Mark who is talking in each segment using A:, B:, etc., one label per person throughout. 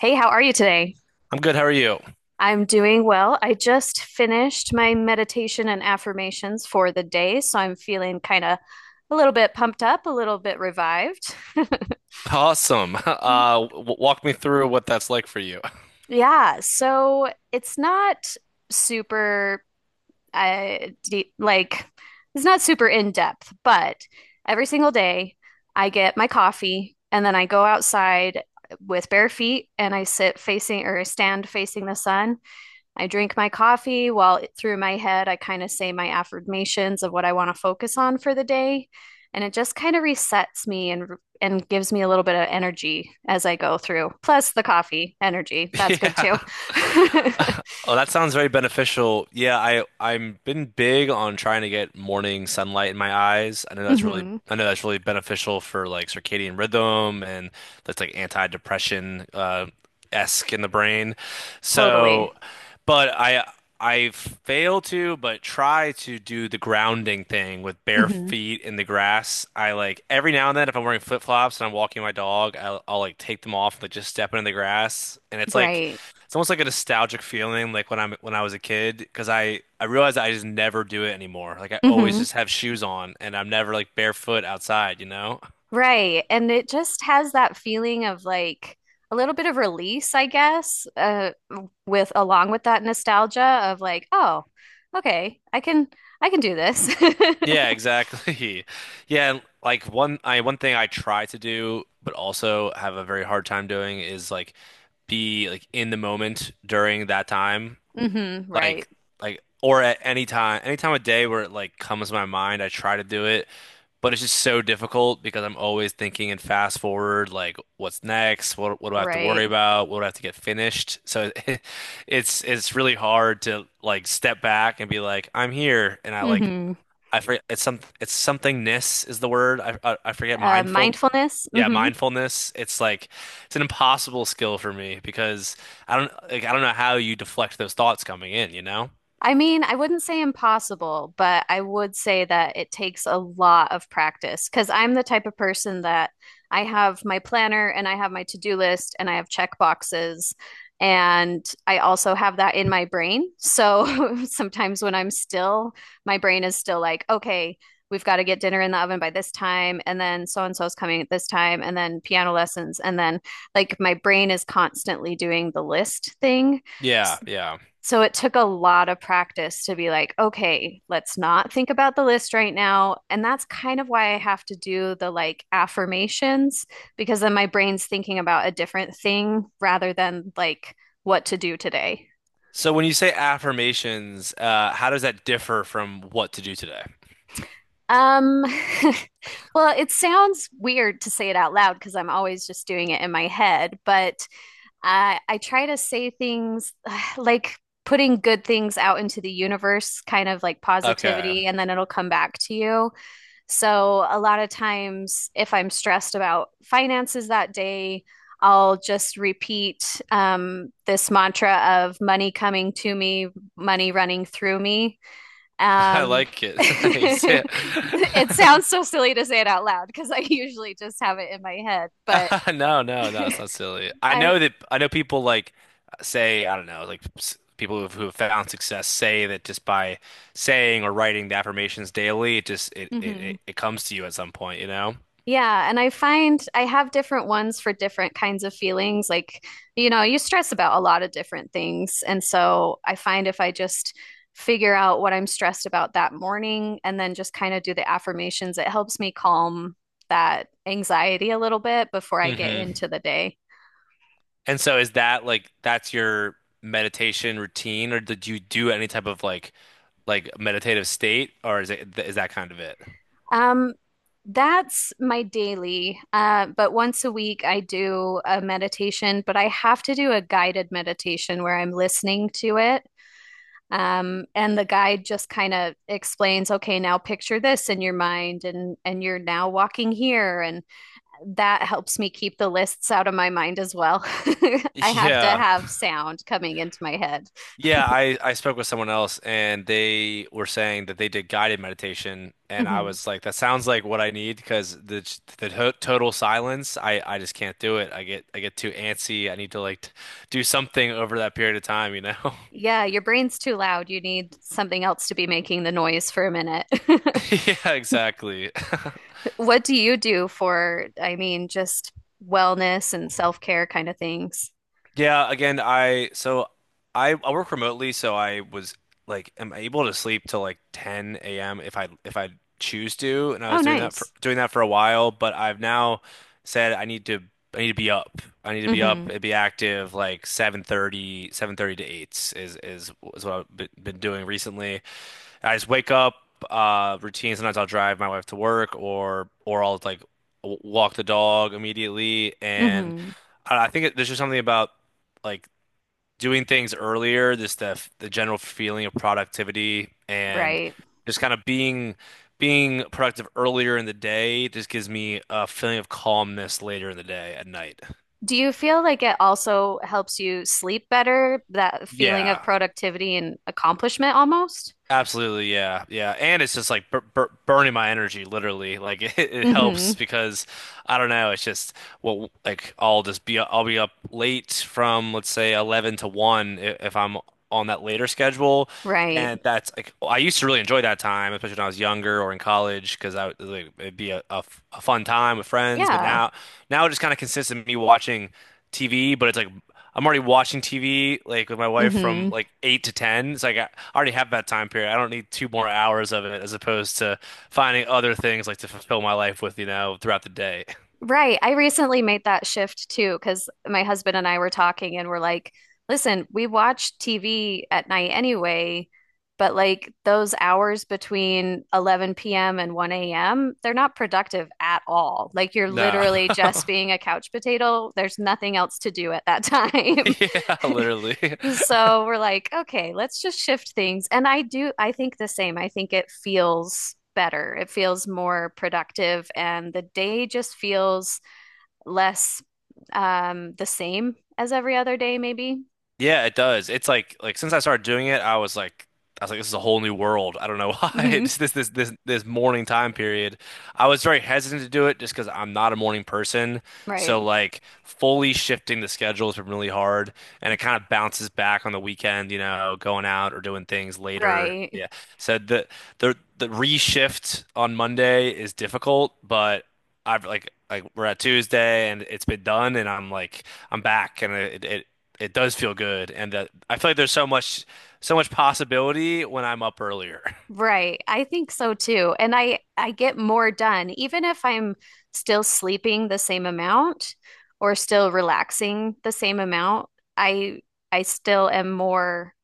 A: Hey, how are you today?
B: I'm good. How are you?
A: I'm doing well. I just finished my meditation and affirmations for the day, so I'm feeling kind of a little bit pumped up, a little bit revived.
B: Awesome. W walk me through what that's like for you.
A: Yeah, so it's not super uh deep, like it's not super in depth, but every single day I get my coffee and then I go outside with bare feet and I sit facing or I stand facing the sun. I drink my coffee while through my head, I kind of say my affirmations of what I want to focus on for the day. And it just kind of resets me and gives me a little bit of energy as I go through. Plus the coffee energy. That's good too.
B: Yeah. Oh, that sounds very beneficial. Yeah, I'm been big on trying to get morning sunlight in my eyes.
A: Hmm.
B: I know that's really beneficial for like circadian rhythm, and that's like anti-depression esque in the brain.
A: Totally.
B: So, but I fail to but try to do the grounding thing with bare
A: Hmm.
B: feet in the grass. I, like, every now and then if I'm wearing flip-flops and I'm walking my dog, I'll like take them off and, like, just step in the grass, and
A: Right.
B: it's almost like a nostalgic feeling, like when I was a kid, because I realized I just never do it anymore. Like, I always
A: Hmm.
B: just have shoes on, and I'm never like barefoot outside, you know?
A: Right. And it just has that feeling of like a little bit of release, I guess, with along with that nostalgia of like, oh, okay, I can do this.
B: Yeah, exactly. Yeah, and, like, one thing I try to do, but also have a very hard time doing, is like be like in the moment during that time.
A: Hmm. Right.
B: like like, or at any time of day where it like comes to my mind I try to do it, but it's just so difficult because I'm always thinking and fast forward, like, what's next, what do I have to worry
A: Right.
B: about, what do I have to get finished, so. It's really hard to, like, step back and be like, I'm here, and I like,
A: Hmm.
B: I forget, it's somethingness is the word. I forget, mindful,
A: Mindfulness.
B: yeah,
A: Hmm.
B: mindfulness. It's like, it's an impossible skill for me, because I don't know how you deflect those thoughts coming in, you know?
A: I mean, I wouldn't say impossible, but I would say that it takes a lot of practice because I'm the type of person that I have my planner and I have my to-do list and I have check boxes and I also have that in my brain. So sometimes when I'm still, my brain is still like, okay, we've got to get dinner in the oven by this time and then so and so is coming at this time and then piano lessons and then like my brain is constantly doing the list thing,
B: Yeah, yeah.
A: so it took a lot of practice to be like, okay, let's not think about the list right now. And that's kind of why I have to do the like affirmations, because then my brain's thinking about a different thing rather than like what to do today.
B: So when you say affirmations, how does that differ from what to do today?
A: Um, well, it sounds weird to say it out loud because I'm always just doing it in my head, but I try to say things like putting good things out into the universe, kind of like
B: Okay.
A: positivity, and then it'll come back to you. So a lot of times, if I'm stressed about finances that day, I'll just repeat this mantra of money coming to me, money running through me.
B: I
A: Um,
B: like it. Nice. Yeah.
A: it sounds so silly to say it out loud because I usually just have it in my head, but
B: No, no, no, it's not silly.
A: I,
B: I know people, like, say, I don't know, like, people who've found success say that just by saying or writing the affirmations daily, it just it it,
A: mhm.
B: it it comes to you at some point, you know?
A: Yeah, and I find I have different ones for different kinds of feelings. Like, you know, you stress about a lot of different things. And so I find if I just figure out what I'm stressed about that morning and then just kind of do the affirmations, it helps me calm that anxiety a little bit before I get into the day.
B: And so is that like, that's your meditation routine, or did you do any type of like, meditative state, or is that kind of it?
A: Um, that's my daily. But once a week, I do a meditation, but I have to do a guided meditation where I'm listening to it. And the guide just kind of explains, okay, now picture this in your mind, and you're now walking here, and that helps me keep the lists out of my mind as well. I have to
B: Yeah.
A: have sound coming into my head.
B: Yeah, I spoke with someone else and they were saying that they did guided meditation, and I
A: Mhm.
B: was like, that sounds like what I need, because the total silence, I just can't do it. I get too antsy. I need to, like, do something over that period of time, you know?
A: Yeah, your brain's too loud. You need something else to be making the noise for a minute.
B: Yeah, exactly.
A: What do you do for, I mean, just wellness and self-care kind of things?
B: Yeah, again, I work remotely, so I was like, am able to sleep till like 10 a.m. if I choose to, and I
A: Oh,
B: was
A: nice.
B: doing that for a while, but I've now said I need to be up. I need to be up
A: Hmm.
B: and be active like seven thirty seven thirty to 8 is what I've been doing recently. I just wake up, routine, sometimes I'll drive my wife to work, or I'll, like, walk the dog immediately, and
A: Hmm.
B: I think there's just something about, like, doing things earlier. Just the general feeling of productivity, and
A: Right.
B: just kind of being productive earlier in the day just gives me a feeling of calmness later in the day at night.
A: Do you feel like it also helps you sleep better, that feeling of
B: Yeah,
A: productivity and accomplishment almost?
B: absolutely. Yeah, yeah, and it's just like burning my energy literally. Like, it helps
A: Hmm.
B: because I don't know. It's just, well, like, I'll be up late from, let's say, 11 to 1 if I'm on that later schedule.
A: Right.
B: And that's like, I used to really enjoy that time, especially when I was younger or in college, because like, it'd be a fun time with friends. But
A: Yeah.
B: now it just kind of consists of me watching TV, but it's like, I'm already watching TV, like, with my wife from
A: Hmm.
B: like 8 to 10. It's like I already have that time period. I don't need 2 more hours of it, as opposed to finding other things, like, to fulfill my life with, you know, throughout the day.
A: Right. I recently made that shift too, because my husband and I were talking and we're like, listen, we watch TV at night anyway, but like those hours between 11 p.m. and 1 a.m., they're not productive at all. Like you're
B: No.
A: literally just being a couch potato. There's nothing else to do at that time.
B: Yeah, literally.
A: So we're like, okay, let's just shift things. And I do, I think the same. I think it feels better. It feels more productive, and the day just feels less the same as every other day, maybe.
B: Yeah, it does. It's like, since I started doing it, I was like, this is a whole new world. I don't know why.
A: Mhm.
B: It's this morning time period. I was very hesitant to do it, just because I'm not a morning person.
A: Right,
B: So, like, fully shifting the schedule has been really hard, and it kind of bounces back on the weekend, you know, going out or doing things later.
A: right,
B: Yeah. So the reshift on Monday is difficult, but I've, like, we're at Tuesday and it's been done and I'm like, I'm back, and it does feel good, and that I feel like there's so much possibility when I'm up earlier.
A: right. I think so too. And I get more done, even if I'm still sleeping the same amount or still relaxing the same amount. I I still am more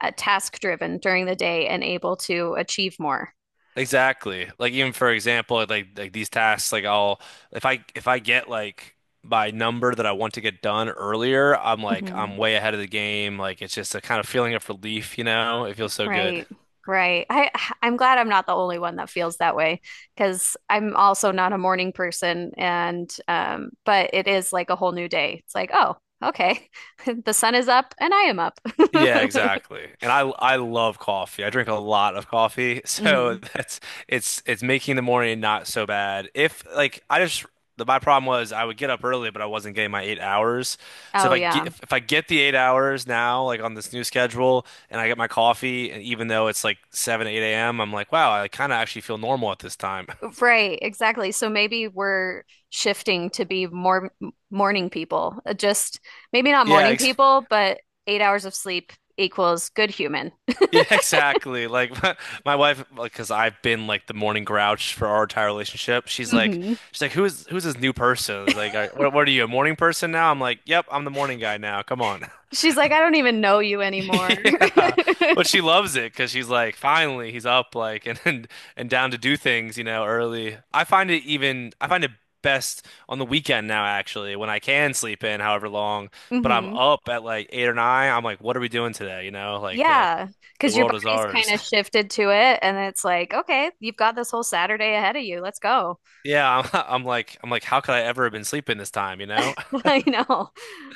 A: task driven during the day and able to achieve more.
B: Exactly. Like, even, for example, like, these tasks, like, I'll if I get, like, my number that I want to get done earlier, I'm like,
A: Hmm.
B: I'm way ahead of the game. Like, it's just a kind of feeling of relief, you know? It feels so good.
A: Right. Right. I'm glad I'm not the only one that feels that way because I'm also not a morning person and but it is like a whole new day. It's like, oh, okay. The sun is up and I am up.
B: Yeah, exactly. And I love coffee. I drink a lot of coffee. So
A: Hmm.
B: that's it's making the morning not so bad. If, like, my problem was I would get up early, but I wasn't getting my 8 hours. So if
A: Oh
B: I get
A: yeah.
B: the 8 hours now, like, on this new schedule, and I get my coffee, and even though it's like seven, eight a.m., I'm like, wow, I kind of actually feel normal at this time.
A: Right, exactly. So maybe we're shifting to be more morning people. Just maybe not morning
B: Yeah,
A: people, but 8 hours of sleep equals good human.
B: yeah, exactly. Like, my wife, like, because I've been like the morning grouch for our entire relationship. She's like,
A: Hmm.
B: she's like, who's this new person? He's like, what are you, a morning person now? I'm like, yep, I'm the morning guy now. Come on.
A: She's like, I don't even know you anymore.
B: Yeah, but she loves it because she's like, finally, he's up, like, and, and down to do things, you know, early. I find it best on the weekend now, actually, when I can sleep in however long, but I'm
A: Hmm.
B: up at like 8 or 9. I'm like, what are we doing today? You know, like, the
A: Yeah,
B: the
A: because your
B: world is
A: body's kind
B: ours.
A: of shifted to it, and it's like, okay, you've got this whole Saturday ahead of you. Let's go.
B: Yeah, I'm, I'm like, how could I ever have been sleeping this time, you know?
A: I know.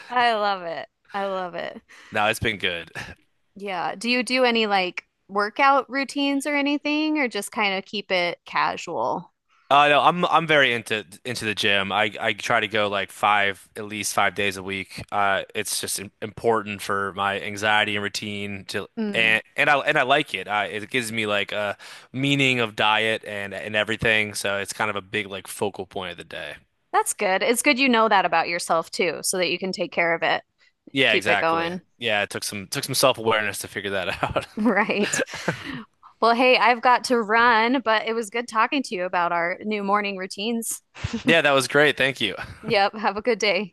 A: I love it. I love it.
B: No, it's been good.
A: Yeah. Do you do any like workout routines or anything, or just kind of keep it casual?
B: No, I'm very into the gym. I try to go, like, five, at least 5 days a week. It's just important for my anxiety and routine, to,
A: Mm,
B: and I like it. I It gives me, like, a meaning of diet and everything, so it's kind of a big, like, focal point of the day.
A: that's good. It's good you know that about yourself too, so that you can take care of it,
B: Yeah,
A: keep it
B: exactly.
A: going.
B: Yeah, it took some self-awareness to figure that out.
A: Right. Well, hey, I've got to run, but it was good talking to you about our new morning routines.
B: Yeah, that was great. Thank you.
A: Yep. Have a good day.